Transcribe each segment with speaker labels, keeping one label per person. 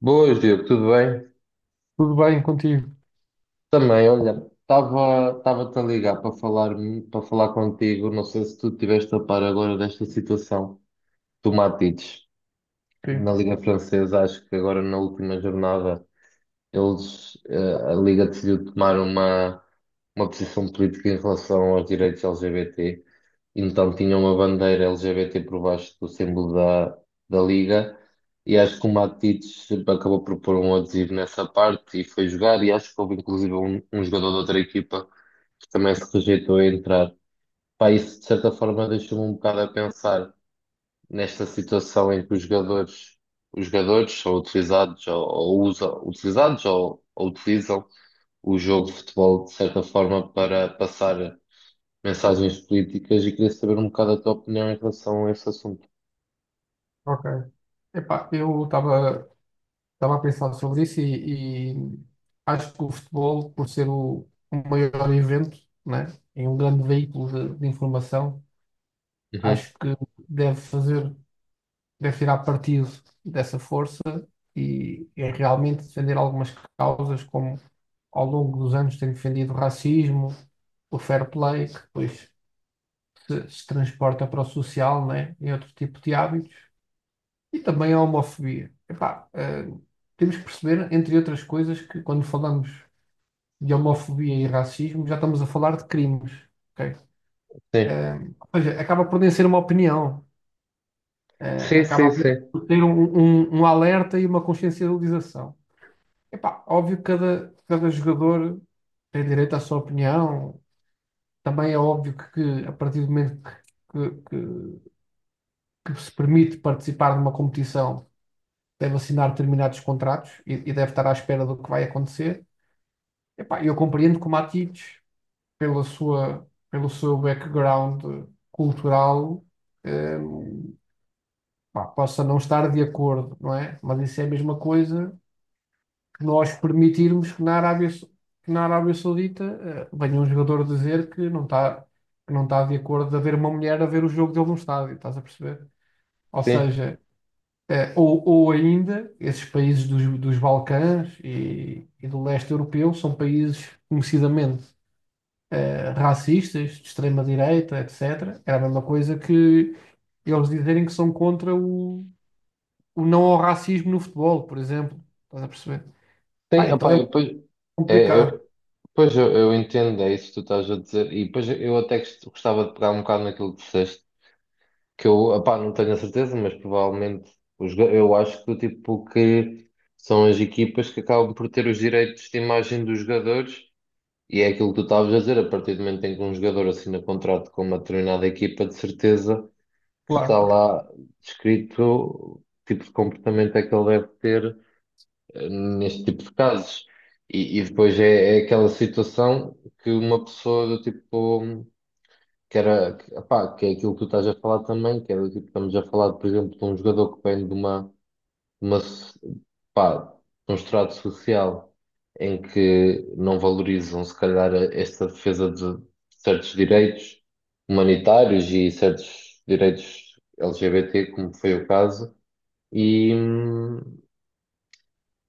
Speaker 1: Boas, Diogo, tudo bem?
Speaker 2: Tudo bem contigo?
Speaker 1: Também, olha, estava-te a ligar para falar contigo. Não sei se tu tiveste a par agora desta situação do Matites na
Speaker 2: Sim,
Speaker 1: Liga Francesa. Acho que agora na última jornada eles, a Liga decidiu tomar uma posição política em relação aos direitos LGBT, então tinha uma bandeira LGBT por baixo do símbolo da, da Liga, e acho que o Matites acabou por pôr um adesivo nessa parte e foi jogar, e acho que houve inclusive um, um jogador de outra equipa que também se rejeitou a entrar. Pá, isso de certa forma deixou-me um bocado a pensar nesta situação em que os jogadores são utilizados ou usam, utilizados ou utilizam o jogo de futebol de certa forma para passar mensagens políticas e queria saber um bocado a tua opinião em relação a esse assunto.
Speaker 2: ok. Eu estava a pensar sobre isso e acho que o futebol, por ser o maior evento, né, e um grande veículo de informação,
Speaker 1: Uhum.
Speaker 2: acho que deve fazer, deve tirar partido dessa força e realmente defender algumas causas, como ao longo dos anos tem defendido o racismo, o fair play, que depois se transporta para o social, né, e outro tipo de hábitos. E também a homofobia. Temos que perceber, entre outras coisas, que quando falamos de homofobia e racismo, já estamos a falar de crimes. Ok?
Speaker 1: Sim,
Speaker 2: Eh, ou seja, acaba por nem ser uma opinião,
Speaker 1: sim, sim,
Speaker 2: acaba
Speaker 1: sim,
Speaker 2: por ter um, um alerta e uma consciencialização. Epá, óbvio que cada jogador tem direito à sua opinião. Também é óbvio que a partir do momento que se permite participar de uma competição deve assinar determinados contratos e deve estar à espera do que vai acontecer. Epá, eu compreendo que o Matites, pelo seu background cultural, eh, pá, possa não estar de acordo, não é? Mas isso é a mesma coisa que nós permitirmos que na que na Arábia Saudita, venha um jogador dizer que que não está de acordo de haver uma mulher a ver o jogo dele num estádio, estás a perceber? Ou
Speaker 1: sim.
Speaker 2: seja, ou ainda, esses países dos Balcãs e do leste europeu são países conhecidamente racistas, de extrema-direita, etc. Era a mesma coisa que eles dizerem que são contra o não ao racismo no futebol, por exemplo. Estás a perceber? Pá,
Speaker 1: Sim,
Speaker 2: então é
Speaker 1: opá, eu,
Speaker 2: muito
Speaker 1: pois, é,
Speaker 2: complicado,
Speaker 1: eu, pois eu entendo, é isso que tu estás a dizer, e depois eu até gostava de pegar um bocado naquilo que disseste que eu, opá, não tenho a certeza, mas provavelmente os, eu acho que tipo que são as equipas que acabam por ter os direitos de imagem dos jogadores e é aquilo que tu estavas a dizer, a partir do momento em que um jogador assina contrato com uma determinada equipa, de certeza que está
Speaker 2: claro.
Speaker 1: lá descrito que tipo de comportamento é que ele deve ter, neste tipo de casos. E depois é, é aquela situação que uma pessoa do tipo que era, que, epá, que é aquilo que tu estás a falar também, que era do tipo, estamos a falar, por exemplo, de um jogador que vem de uma, pá, de um estrato social em que não valorizam, se calhar, a- esta defesa de certos direitos humanitários e certos direitos LGBT, como foi o caso, e,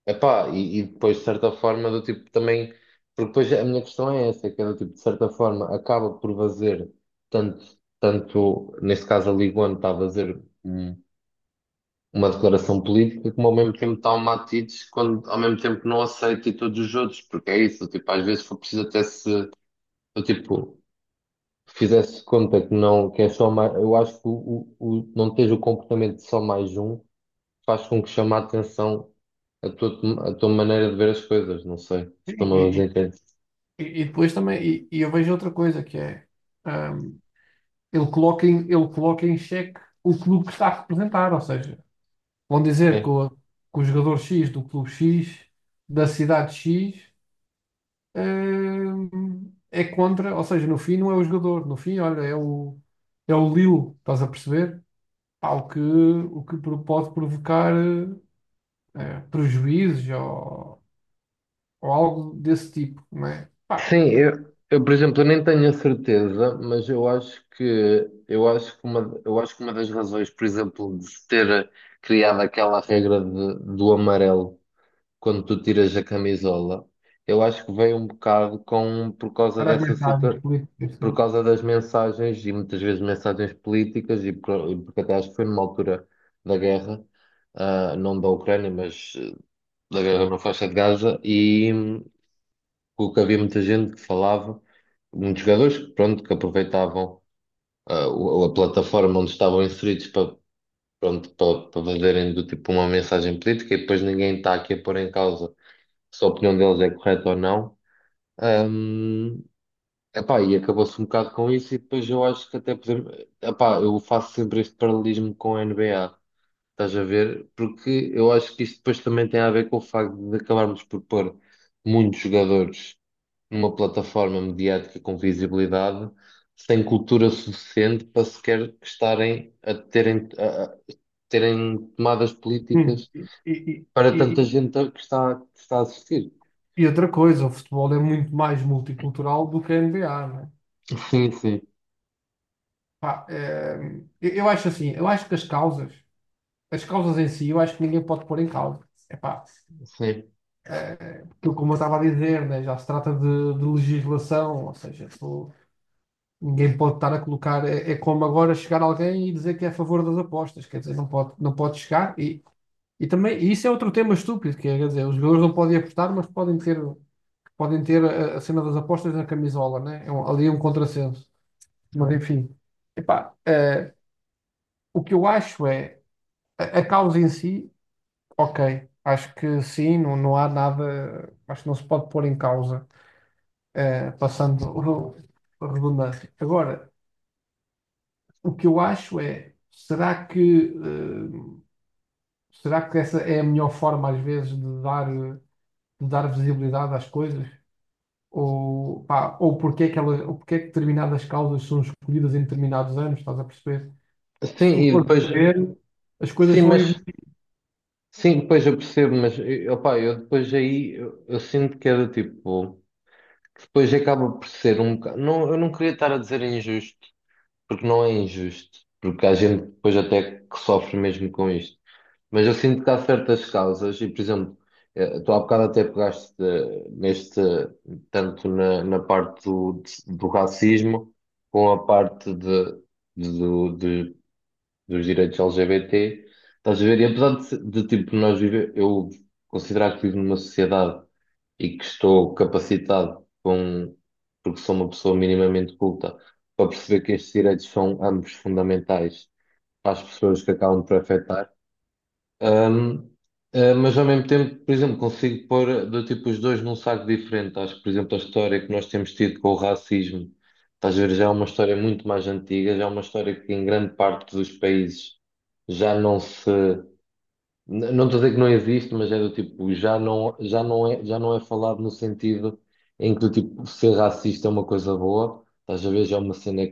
Speaker 1: epá, e depois, de certa forma, do tipo também. Porque depois a minha questão é essa, que é do tipo, de certa forma, acaba por fazer tanto, tanto neste caso a Liga One está a fazer, uma declaração política, como ao mesmo tempo está o Matites, quando ao mesmo tempo não aceita e todos os outros, porque é isso, tipo, às vezes foi preciso até se, do tipo, fizesse conta que não, que é só mais, eu acho que o- não tens o comportamento de só mais um faz com que chame a atenção a tua maneira de ver as coisas, não sei se
Speaker 2: E,
Speaker 1: estou-me a
Speaker 2: e-
Speaker 1: fazer entender.
Speaker 2: e depois também, e eu vejo outra coisa que é ahm, ele coloca em xeque o clube que está a representar, ou seja. Vão dizer que
Speaker 1: É.
Speaker 2: que o jogador X do clube X, da cidade X, é contra, ou seja, no fim não é o jogador, no fim, olha, é é o Lille, estás a perceber? Pá, o que pode provocar prejuízos ou algo desse tipo, não é? Pá,
Speaker 1: Sim,
Speaker 2: e-
Speaker 1: eu, por exemplo, eu nem tenho a certeza, mas eu acho que uma, eu acho que uma das razões, por exemplo, de se ter criado aquela regra de- do amarelo quando tu tiras a camisola, eu acho que veio um bocado com por causa
Speaker 2: para as
Speaker 1: dessa
Speaker 2: mensagens
Speaker 1: situação.
Speaker 2: políticas,
Speaker 1: Por
Speaker 2: né?
Speaker 1: causa das mensagens e muitas vezes mensagens políticas, e por- e porque até acho que foi numa altura da guerra, ah, não da Ucrânia, mas, da guerra na faixa de Gaza, e, porque havia muita gente que falava, muitos jogadores que, pronto, que aproveitavam, ah, o- a plataforma onde estavam inseridos para, pronto, para, para fazerem do tipo uma mensagem política, e depois ninguém está aqui a pôr em causa se a opinião deles é correta ou não. Hum, Epá, e acabou-se um bocado com isso, e depois eu acho que até podemos. Epá, eu faço sempre este paralelismo com a NBA, estás a ver? Porque eu acho que isto depois também tem a ver com o facto de acabarmos por pôr muitos jogadores numa plataforma mediática com visibilidade, sem cultura suficiente para sequer estarem a terem tomadas
Speaker 2: Hum,
Speaker 1: políticas
Speaker 2: E, e,
Speaker 1: para
Speaker 2: e,
Speaker 1: tanta
Speaker 2: e-
Speaker 1: gente que está a assistir.
Speaker 2: e outra coisa, o futebol é muito mais multicultural do que a NBA.
Speaker 1: Sim, sim,
Speaker 2: Pá, eu acho assim, eu acho que as causas em si, eu acho que ninguém pode pôr em causa. Epá,
Speaker 1: sim.
Speaker 2: aquilo como eu estava a dizer, né, já se trata de legislação, ou seja, tu- ninguém pode estar a colocar, é, é como agora chegar alguém e dizer que é a favor das apostas, quer dizer, não pode, não pode chegar e também, e isso é outro tema estúpido, que é, quer dizer, os jogadores não podem apostar, mas podem podem ter a cena das apostas na camisola, né? É um- ali é um contrassenso, mas enfim, epá, o que eu acho é a causa em si, ok. Acho que sim, não, não há nada. Acho que não se pode pôr em causa, passando o- a redundância. Agora, o que eu acho é: será que, será que essa é a melhor forma, às vezes, de dar visibilidade às coisas? Ou, pá, ou porque é que elas, ou porque é que determinadas causas são escolhidas em determinados anos? Estás a perceber? Se
Speaker 1: Sim,
Speaker 2: tu
Speaker 1: e
Speaker 2: fores
Speaker 1: depois.
Speaker 2: a ver, as coisas
Speaker 1: Sim,
Speaker 2: vão
Speaker 1: mas.
Speaker 2: evoluir.
Speaker 1: Sim, depois eu percebo, mas, opá, eu depois aí eu sinto que é do tipo, que depois acaba por ser um bocado. Não, eu não queria estar a dizer injusto, porque não é injusto, porque há gente depois até que sofre mesmo com isto. Mas eu sinto que há certas causas, e por exemplo, tu há bocado até pegaste, neste, tanto na, na parte do, do racismo, com a parte de, dos direitos LGBT, estás a ver? E apesar de, de, tipo, nós viver, eu considerar que vivo numa sociedade e que estou capacitado com, porque sou uma pessoa minimamente culta, para perceber que estes direitos são ambos fundamentais para as pessoas que acabam por afetar. Ahm, ah, mas ao mesmo tempo, por exemplo, consigo pôr do tipo os dois num saco diferente. Acho que, por exemplo, a história que nós temos tido com o racismo, estás a ver, já é uma história muito mais antiga, já é uma história que em grande parte dos países já não se. Não estou a dizer que não existe, mas é do tipo, já não é falado no sentido em que do tipo, ser racista é uma coisa boa. Estás a ver, já é uma cena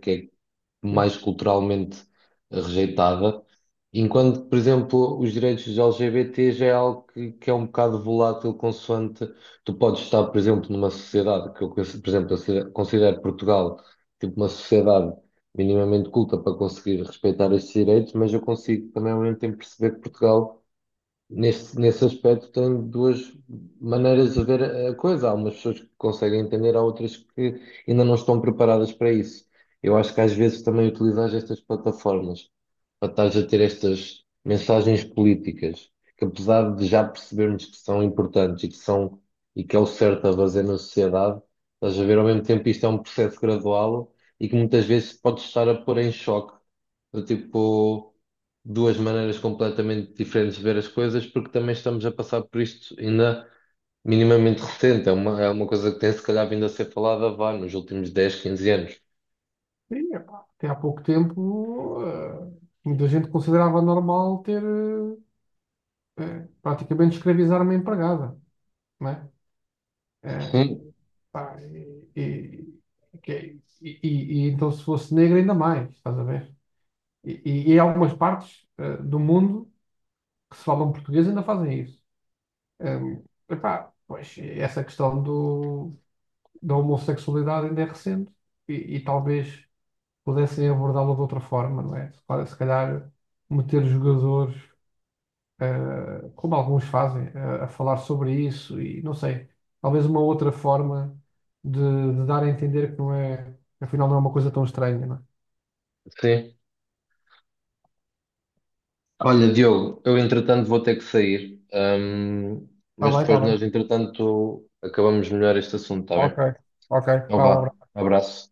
Speaker 1: mais culturalmente rejeitada, enquanto, por exemplo, os direitos dos LGBT já é algo que é um bocado volátil, consoante tu podes estar, por exemplo, numa sociedade que eu, por exemplo, eu considero Portugal tipo uma sociedade minimamente culta para conseguir respeitar estes direitos, mas eu consigo também ao mesmo tempo perceber que Portugal nesse, nesse aspecto, tem duas maneiras de ver a coisa. Há umas pessoas que conseguem entender, há outras que ainda não estão preparadas para isso. Eu acho que às vezes também utilizas estas plataformas para estares a ter estas mensagens políticas, que apesar de já percebermos que são importantes e que são, e que é o certo a fazer na sociedade, estás a ver ao mesmo tempo isto é um processo gradual e que muitas vezes pode estar a pôr em choque, do tipo duas maneiras completamente diferentes de ver as coisas, porque também estamos a passar por isto ainda minimamente recente. É uma coisa que tem se calhar vindo a ser falada, vá, nos últimos 10 15 anos.
Speaker 2: Sim, epá, até há pouco tempo, muita gente considerava normal ter praticamente escravizar uma empregada, não é? Eh,
Speaker 1: Hum,
Speaker 2: pá, que- é, e então, se fosse negra, ainda mais, estás a ver? E há algumas partes do mundo que se falam português ainda fazem isso. Epá, pois, essa questão do, da homossexualidade ainda é recente e talvez pudessem abordá-lo de outra forma, não é? Claro, se calhar meter os jogadores, como alguns fazem, a falar sobre isso e não sei, talvez uma outra forma de dar a entender que não é, afinal não é uma coisa tão estranha, não é?
Speaker 1: sim. Olha, Diogo, eu entretanto vou ter que sair,
Speaker 2: Tá
Speaker 1: mas
Speaker 2: bem, tá
Speaker 1: depois
Speaker 2: bem.
Speaker 1: nós entretanto acabamos melhor este assunto, está bem?
Speaker 2: Ok, ok.
Speaker 1: Então
Speaker 2: Vá, um
Speaker 1: vá,
Speaker 2: abraço.
Speaker 1: abraço.